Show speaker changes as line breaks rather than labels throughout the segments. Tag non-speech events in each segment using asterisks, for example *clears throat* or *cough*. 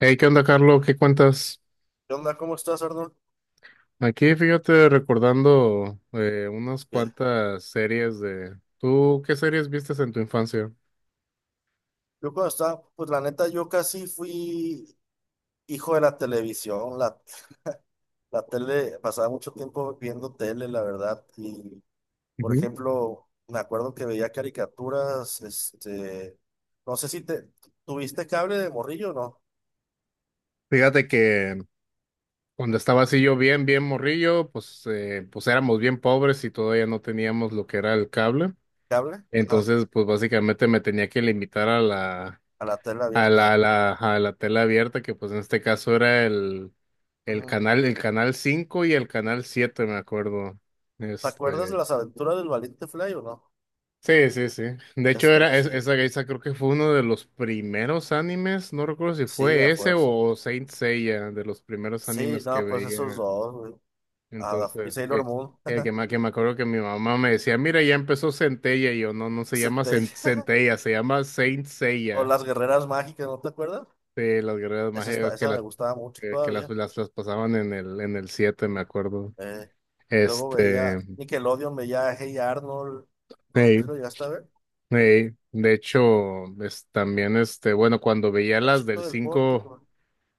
Hey, ¿qué onda, Carlos? ¿Qué cuentas?
¿Qué onda? ¿Cómo estás, Arnold?
Aquí, fíjate, recordando unas
¿Qué?
cuantas series de ¿tú qué series vistes en tu infancia?
Yo cuando estaba, pues la neta, yo casi fui hijo de la televisión. La tele, pasaba mucho tiempo viendo tele, la verdad. Y, por
Ujú.
ejemplo, me acuerdo que veía caricaturas, no sé si te, ¿tuviste cable de morrillo o no?
Fíjate que cuando estaba así yo bien morrillo, pues, pues éramos bien pobres y todavía no teníamos lo que era el cable.
¿Cable? Ajá,
Entonces, pues básicamente me tenía que limitar a la,
a la tele
a la,
abierta.
a la, a la tela abierta, que pues en este caso era el, el
Ujú.
canal, el canal 5 y el canal 7, me acuerdo.
¿Te acuerdas de
Este
las aventuras del valiente Fly o no?
Sí, sí, sí. De hecho,
Está
era
chido.
esa creo que fue uno de los primeros animes. No recuerdo si
Sí,
fue
a
ese
fuerza.
o Saint Seiya, de los primeros
Sí,
animes que
no, pues esos
veía.
dos, güey. Ah, y
Entonces,
Sailor Moon. *laughs*
que me acuerdo que mi mamá me decía, mira, ya empezó Centella. Y yo, no, no se
Se
llama
te
Centella, se llama Saint
O
Seiya.
las guerreras mágicas, ¿no te acuerdas?
Sí, las guerreras
Esa,
mágicas
está, esa me gustaba mucho
que
todavía.
las pasaban en el siete, me acuerdo.
Eh, Luego veía
Este,
Nickelodeon, veía Hey Arnold.
hey,
¿Tú lo llegaste a ver?
hey. De hecho, es, también este, bueno, cuando veía
El
las
chico
del
del
5
pórtico.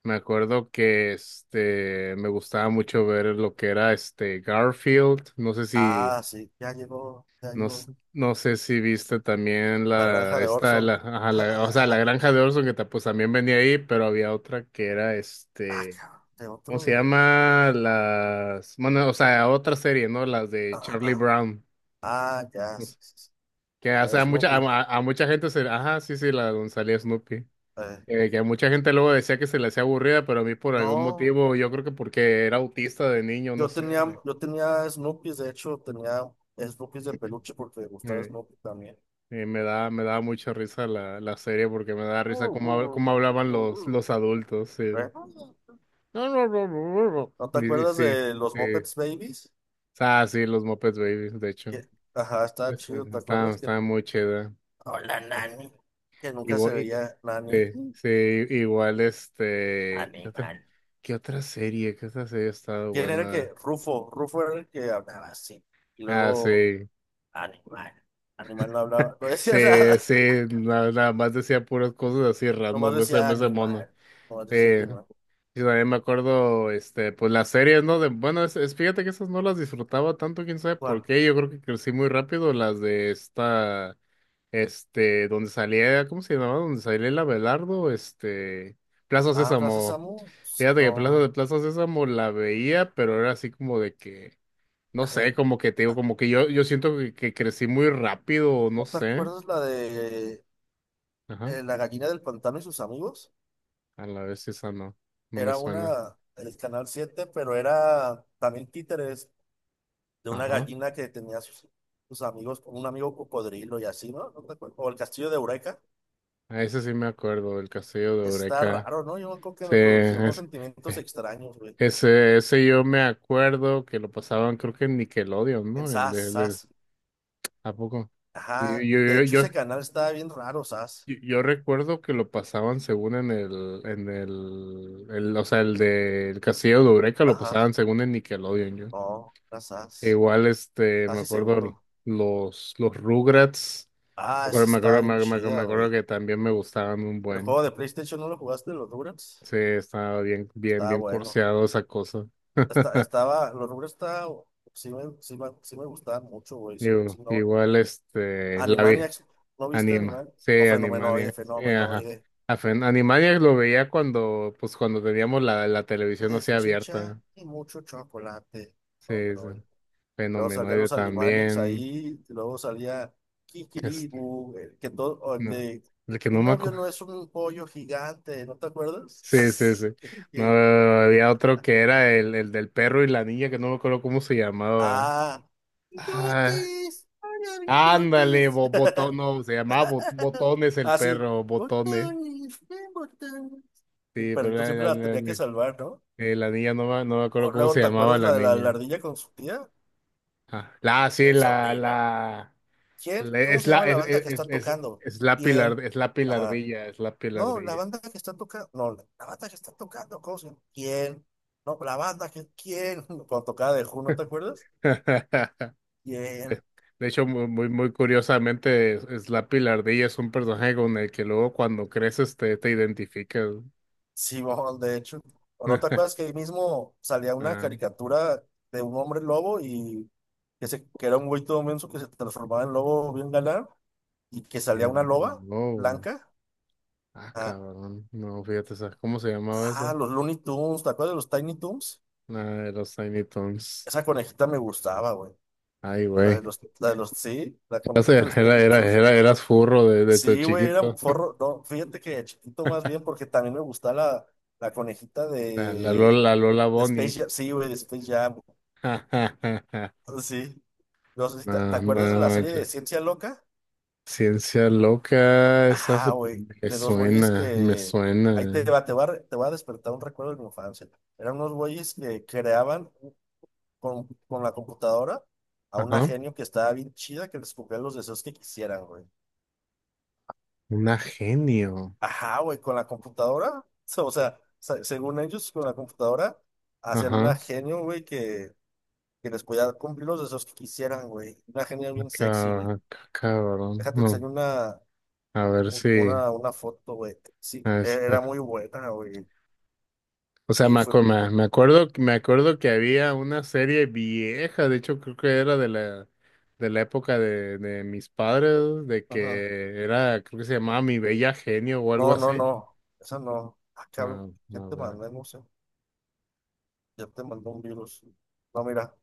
me acuerdo que este me gustaba mucho ver lo que era este Garfield. No sé si
Ah, sí, ya llegó, ya llegó.
no sé si viste también
La granja de Orson.
ajá,
*laughs*
o sea, la granja de Orson que pues también venía ahí, pero había otra que era
Ah,
este
cabrón, de
¿cómo
otro.
se llama? Las bueno, o sea, otra serie, ¿no? Las de
Ah,
Charlie
ah,
Brown.
ah, ya.
No
Sí,
sé,
sí, sí.
que o
La de
sea, a mucha a,
Snoopy.
a- a mucha gente se ajá, sí, sí, la donde salía Snoopy.
Eh,
Que mucha gente luego decía que se le hacía aburrida, pero a mí por algún
no,
motivo, yo creo que porque era autista de niño, no
yo
sé,
tenía,
me,
yo tenía Snoopy, de hecho, tenía Snoopy de peluche porque me
*clears throat*
gustaba
me,
Snoopy también.
me daba mucha risa la serie porque me da risa cómo hablaban los adultos. Sí.
*laughs* ¿Eh?
No, no, no, no, no,
¿No
no.
te
Y
acuerdas
sí,
de los
sí.
Muppets Babies?
Ah, sí, los Muppets Babies, de hecho.
Que, ajá, está
Pues,
chido, ¿te
estaba,
acuerdas? Que,
estaba muy chida.
hola, Nani. Que nunca se
Igual,
veía Nani.
sí, sí, igual este,
Animal.
qué otra serie? ¿Qué otra serie ha estado
¿Quién era el que?
buena?
Rufo. Rufo era el que hablaba así. Y
Ah,
luego,
sí.
animal. Animal no hablaba, no
Sí,
decía *laughs* nada.
sí, nada, más decía puras cosas así
Nomás
random,
decía
ese mono.
animal. Nomás decía
Eh,
animal.
y también me acuerdo, este, pues las series, ¿no? De, bueno, fíjate que esas no las disfrutaba tanto, quién sabe por
¿Cuál?
qué. Yo creo que crecí muy rápido las de esta, este, donde salía, ¿cómo se llamaba? Donde salía el Abelardo, este, Plaza
Ah, Plaza
Sésamo.
Samu. Pues,
Fíjate que
no.
Plaza Sésamo la veía, pero era así como de que, no sé,
Eh,
como que te digo,
ah,
como que yo siento que crecí muy rápido, no
¿No te
sé.
acuerdas la de
Ajá.
la gallina del pantano y sus amigos?
A la vez esa no, no me
Era una,
suena.
el Canal siete, pero era también títeres de una
Ajá.
gallina que tenía sus amigos, un amigo cocodrilo y así, ¿no? ¿No te acuerdas? O el castillo de Eureka.
A ese sí me acuerdo, el castillo de
Está
Eureka.
raro, ¿no? Yo creo que
Sí,
me producía unos sentimientos
eh,
extraños, güey.
ese yo me acuerdo que lo pasaban, creo que en Nickelodeon,
En
¿no? El,
SAS,
de- el-
SAS.
¿a poco? Sí,
Ajá. De hecho, ese canal estaba bien raro, SAS.
yo recuerdo que lo pasaban según en o sea, el del castillo de Eureka lo
Ajá.
pasaban según en Nickelodeon, yo.
No, era SAS.
Igual, este, me
Casi
acuerdo
seguro.
los Rugrats.
Ah, esa estaba bien chida,
Me acuerdo
güey.
que también me gustaban un
El
buen.
juego de PlayStation, ¿no lo jugaste, los Durex?
Sí, estaba
Estaba
bien
bueno.
curseado esa cosa. *laughs*
Los Rugrats está, sí me gustaban mucho, güey. Sí,
Digo,
sí, no.
igual, este, la vida,
Animaniacs, ¿no viste
anima,
Animaniacs?
sí,
O Fenomenoide,
Animaniacs, sí, ajá.
Fenomenoide.
A Animaniacs lo veía cuando, pues cuando teníamos la televisión
De
así
salchicha
abierta,
y mucho chocolate.
sí, sí.
Fenomenoide. Luego salían
Fenomenoide
los Animaniacs
también,
ahí, y luego salía
este,
Kikiribu, el que todo, o el
no,
de,
el que
mi
no me
novio
acuerdo,
no es un pollo gigante, ¿no te
sí, sí,
acuerdas?
sí,
*laughs*
no,
Que-
había otro que era el del perro y la niña, que no me acuerdo cómo se llamaba.
ah,
Ah,
Tutis, ay, ay,
ándale,
Tutis.
bo- botón, no, se llamaba Bot- Botones el
Ah, sí.
perro, Botones.
Botones, botones. El
Sí, pero
perrito siempre la tenía que salvar, ¿no?
la niña no me, no me
O
acuerdo cómo
luego,
se
¿te
llamaba
acuerdas
la
la de la
niña.
ardilla con su tía?
Ah, la, sí,
El
la,
sobrina.
la,
¿Quién?
la-
¿Cómo
es
se llama la banda que está tocando?
es la pilar,
¿Quién?
es la
Ajá.
pilardilla, es la
No, la
pilardilla.
banda que está tocando. No, la banda que está tocando. ¿Cómo se llama? ¿Quién? No, la banda que. ¿Quién? *laughs* Cuando tocaba de Who, ¿no te acuerdas?
*laughs*
¿Quién?
De, de hecho, muy curiosamente, es la pilardilla es un personaje con el que luego cuando creces te, te identificas.
Sí, bon, de hecho. ¿O no te acuerdas
*laughs*
que ahí mismo salía una
Ah,
caricatura de un hombre lobo y que era un güey todo menso que se transformaba en lobo bien galán y que salía una loba
no.
blanca?
Ah,
Ah,
cabrón. No, fíjate, ¿sabes cómo se llamaba
ah,
eso?
los Looney Tunes, ¿te acuerdas de los Tiny Toons?
Nada, de los Tiny Toons.
Esa conejita me gustaba, güey.
Ay,
La
güey.
de los, la de los, sí, la
Era,
conejita de
*laughs*
los
era,
Tiny
era,
Toons.
era- eras furro de tu
Sí, güey, era
chiquito.
forro. No, fíjate que de chiquito más bien, porque también me gustaba la conejita
*laughs* La,
de,
la Lola
de
Bonnie.
Space
*laughs*
Jam. Sí, güey, de Space Jam.
Ja, ja, ja, ja.
*laughs* Sí. No sé si te, ¿te
No,
acuerdas
no,
de la serie de
manches.
Ciencia Loca?
Ciencia loca,
Ajá, güey.
me
De dos güeyes
suena, me
que. Ahí
suena.
te va a despertar un recuerdo de mi infancia. Eran unos güeyes que creaban con la computadora a una
Ajá.
genio que estaba bien chida que les cumplía los deseos que quisieran, güey.
Una genio.
Ajá, güey, con la computadora. *laughs* O sea, según ellos, con la computadora hacían una
Ajá.
genio, güey, que les podía cumplir los deseos que quisieran, güey. Una genio
Ah,
bien sexy, güey.
cabrón.
Déjate
No.
enseño una
A ver si.
una foto, güey.
A
Sí,
ver, si-
era muy buena, güey.
o sea,
Y fue,
me acuerdo que había una serie vieja, de hecho creo que era de de la época de mis padres, de
ajá.
que era, creo que se llamaba Mi Bella Genio o algo
No, no,
así.
no. Esa no. Ah,
Ah,
cabrón. ¿Qué
a
te
ver,
mandé, no sé? Ya te mandó un virus. No, mira,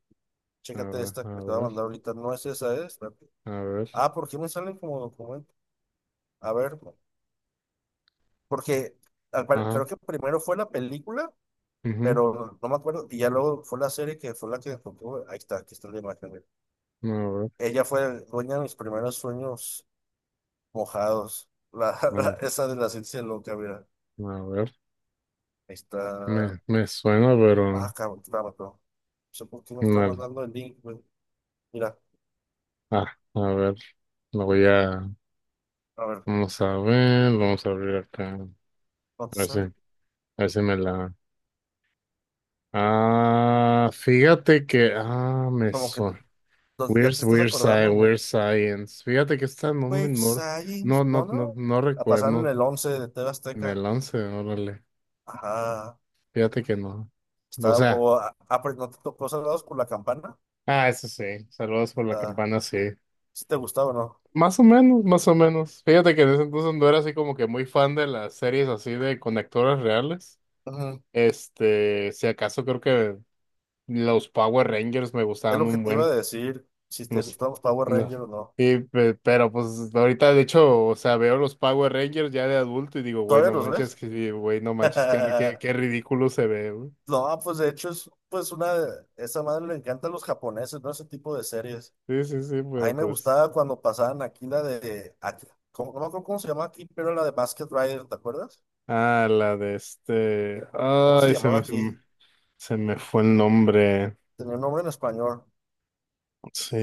a
chécate
ver,
esta que
a
te voy a
ver,
mandar ahorita. No es esa,
a ver,
Ah, ¿por qué me salen como documento? A ver, no, porque
ajá,
creo que primero fue la película,
ujú,
pero no me acuerdo. Y ya luego fue la serie que fue la que encontró. Ahí está, aquí está la imagen, güey.
a ver,
Ella fue dueña de mis primeros sueños mojados. *laughs*
a,
Esa de la ciencia loca, mira.
a ver,
Ahí
me,
está.
me suena, pero
Ah, cabrón, te la mató. No sé por qué me está
no,
mandando el link, güey. Mira,
ah, a ver, lo voy a,
a ver,
vamos a ver, vamos a abrir acá,
¿no te sale?
a ver si me la Ah, fíjate que, ah, me
Como que
suena.
ya
Weird,
te estás
Science,
acordando, ¿no?
Weird Science. Fíjate que está no
Quick
menor. No,
Science, no,
no, no,
no.
no
La pasaron en
recuerdo
el 11 de TV
en
Azteca.
el 11, órale.
Ajá.
Fíjate que no. O
Está,
sea,
o, ah, ah, pero ¿no te tocó Salvados por la Campana?
ah, eso sí. Saludos por la
Ah,
campana, sí.
si te gustaba o no.
Más o menos, más o menos. Fíjate que en ese entonces no era así como que muy fan de las series así de conectores reales.
Ujú.
Este, si acaso creo que los Power Rangers me
Es
gustaban
lo que
un
te iba a
buen.
decir, si te
No sé,
gustaban los Power
no.
Rangers o no.
Pero pues ahorita de hecho, o sea, veo los Power Rangers ya de adulto y digo, güey,
¿Todavía
no
los
manches,
ves?
que, sí, güey, no manches, qué,
*laughs*
qué ridículo se ve, güey.
No, pues de hecho esa madre le encanta a los japoneses, ¿no? Ese tipo de series.
Sí, sí, sí,
A mí
pero
me
pues.
gustaba cuando pasaban aquí la de, aquí, ¿cómo, no me acuerdo cómo se llamaba aquí, pero la de Basket Rider, ¿te acuerdas?
Ah, la de este.
¿Cómo se
Ay,
llamaba aquí?
se me fue el nombre.
Tenía un nombre en español.
Sí,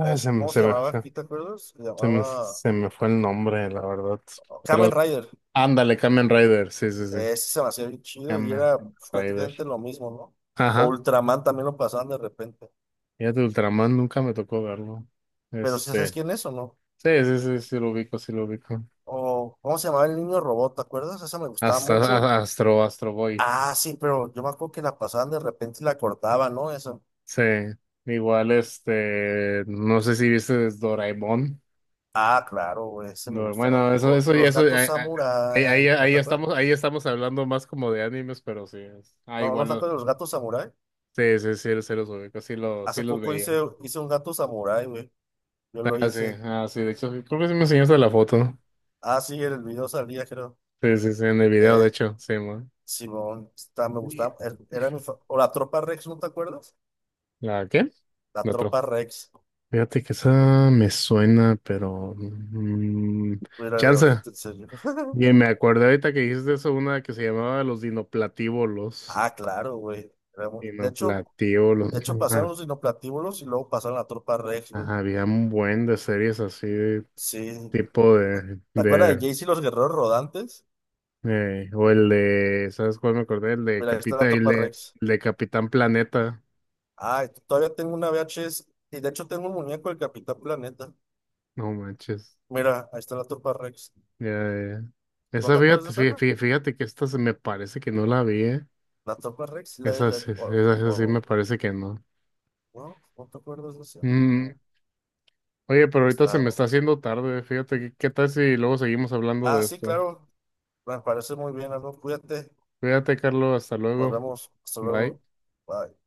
A ver,
se me,
¿cómo
se
se
me,
llamaba
se,
aquí, te acuerdas? Se llamaba
se me fue el nombre, la verdad.
oh, Kamen
Pero
Rider.
ándale, Kamen Rider, sí, sí, sí.
Ese se me hacía bien chido y
Kamen
era, pues, prácticamente
Rider.
lo mismo, ¿no? O
Ajá.
Ultraman también lo pasaban de repente.
Ya de Ultraman nunca me tocó verlo.
¿Pero si sabes
Este.
quién es o no?
Sí, sí, sí, sí lo ubico, sí lo ubico.
O, ¿cómo se llamaba el niño robot? ¿Te acuerdas? Esa me gustaba mucho.
Astro Boy.
Ah, sí, pero yo me acuerdo que la pasaban de repente y la cortaban, ¿no? Eso.
Sí. Igual, este, no sé si viste Doraemon.
Ah, claro, ese me
No,
gustaba.
bueno,
O los
eso,
gatos
ahí,
samurái, ¿no te acuerdas?
ahí estamos hablando más como de animes, pero sí. Ah,
No, ¿no
igual,
te
lo-
acuerdas de los gatos samurái?
sí, sí, sí, sí los ubico, sí, lo, sí
Hace
los
poco hice,
veía.
hice un gato samurái, güey. Yo lo
Ah, sí,
hice.
ah, sí, de hecho, creo que sí me enseñaste la foto.
Ah, sí, en el video salía, creo.
Sí, sí, sí, en el video, de
Eh,
hecho, sí, man.
Simón, está, me gustaba. O la tropa Rex, ¿no te acuerdas?
¿La qué?
La
La
tropa Rex.
Fíjate que esa me suena, pero mm,
Mira,
chanza.
ahorita en serio.
Y me
*laughs*
acordé ahorita que dijiste eso, una que se llamaba los dinoplatívolos.
Ah, claro, güey. Era muy- De hecho,
Dinoplatívolos.
de hecho pasaron
Ajá.
los dinoplatíbulos y luego pasaron la tropa Rex, güey.
Ajá, había un buen de series así, de
Sí, ¿te acuerdas de
de
Jayce y los guerreros rodantes?
o el de, ¿sabes cuál me acordé?
Mira, ahí está la Tropa Rex.
El de Capitán Planeta.
Ah, todavía tengo una VHS. Y de hecho tengo un muñeco del Capitán Planeta.
No manches.
Mira, ahí está la Tropa Rex.
Ya, ya.
¿No
Esa,
te acuerdas de
fíjate,
esa?
fíjate, que esta se me parece que no la vi, ¿eh?
La Tropa Rex, sí la
Esa,
de...
esa, esa sí me
O-
parece que no.
no, no te acuerdas de esa.
Mm,
Oh,
oye, pero ahorita se
está
me
bueno.
está haciendo tarde. Fíjate, ¿qué qué tal si luego seguimos hablando
Ah,
de
sí,
esto?
claro. Me parece muy bien. Algo Cuídate.
Cuídate, Carlos. Hasta
Nos
luego.
vemos. Hasta
Bye.
luego. Bye.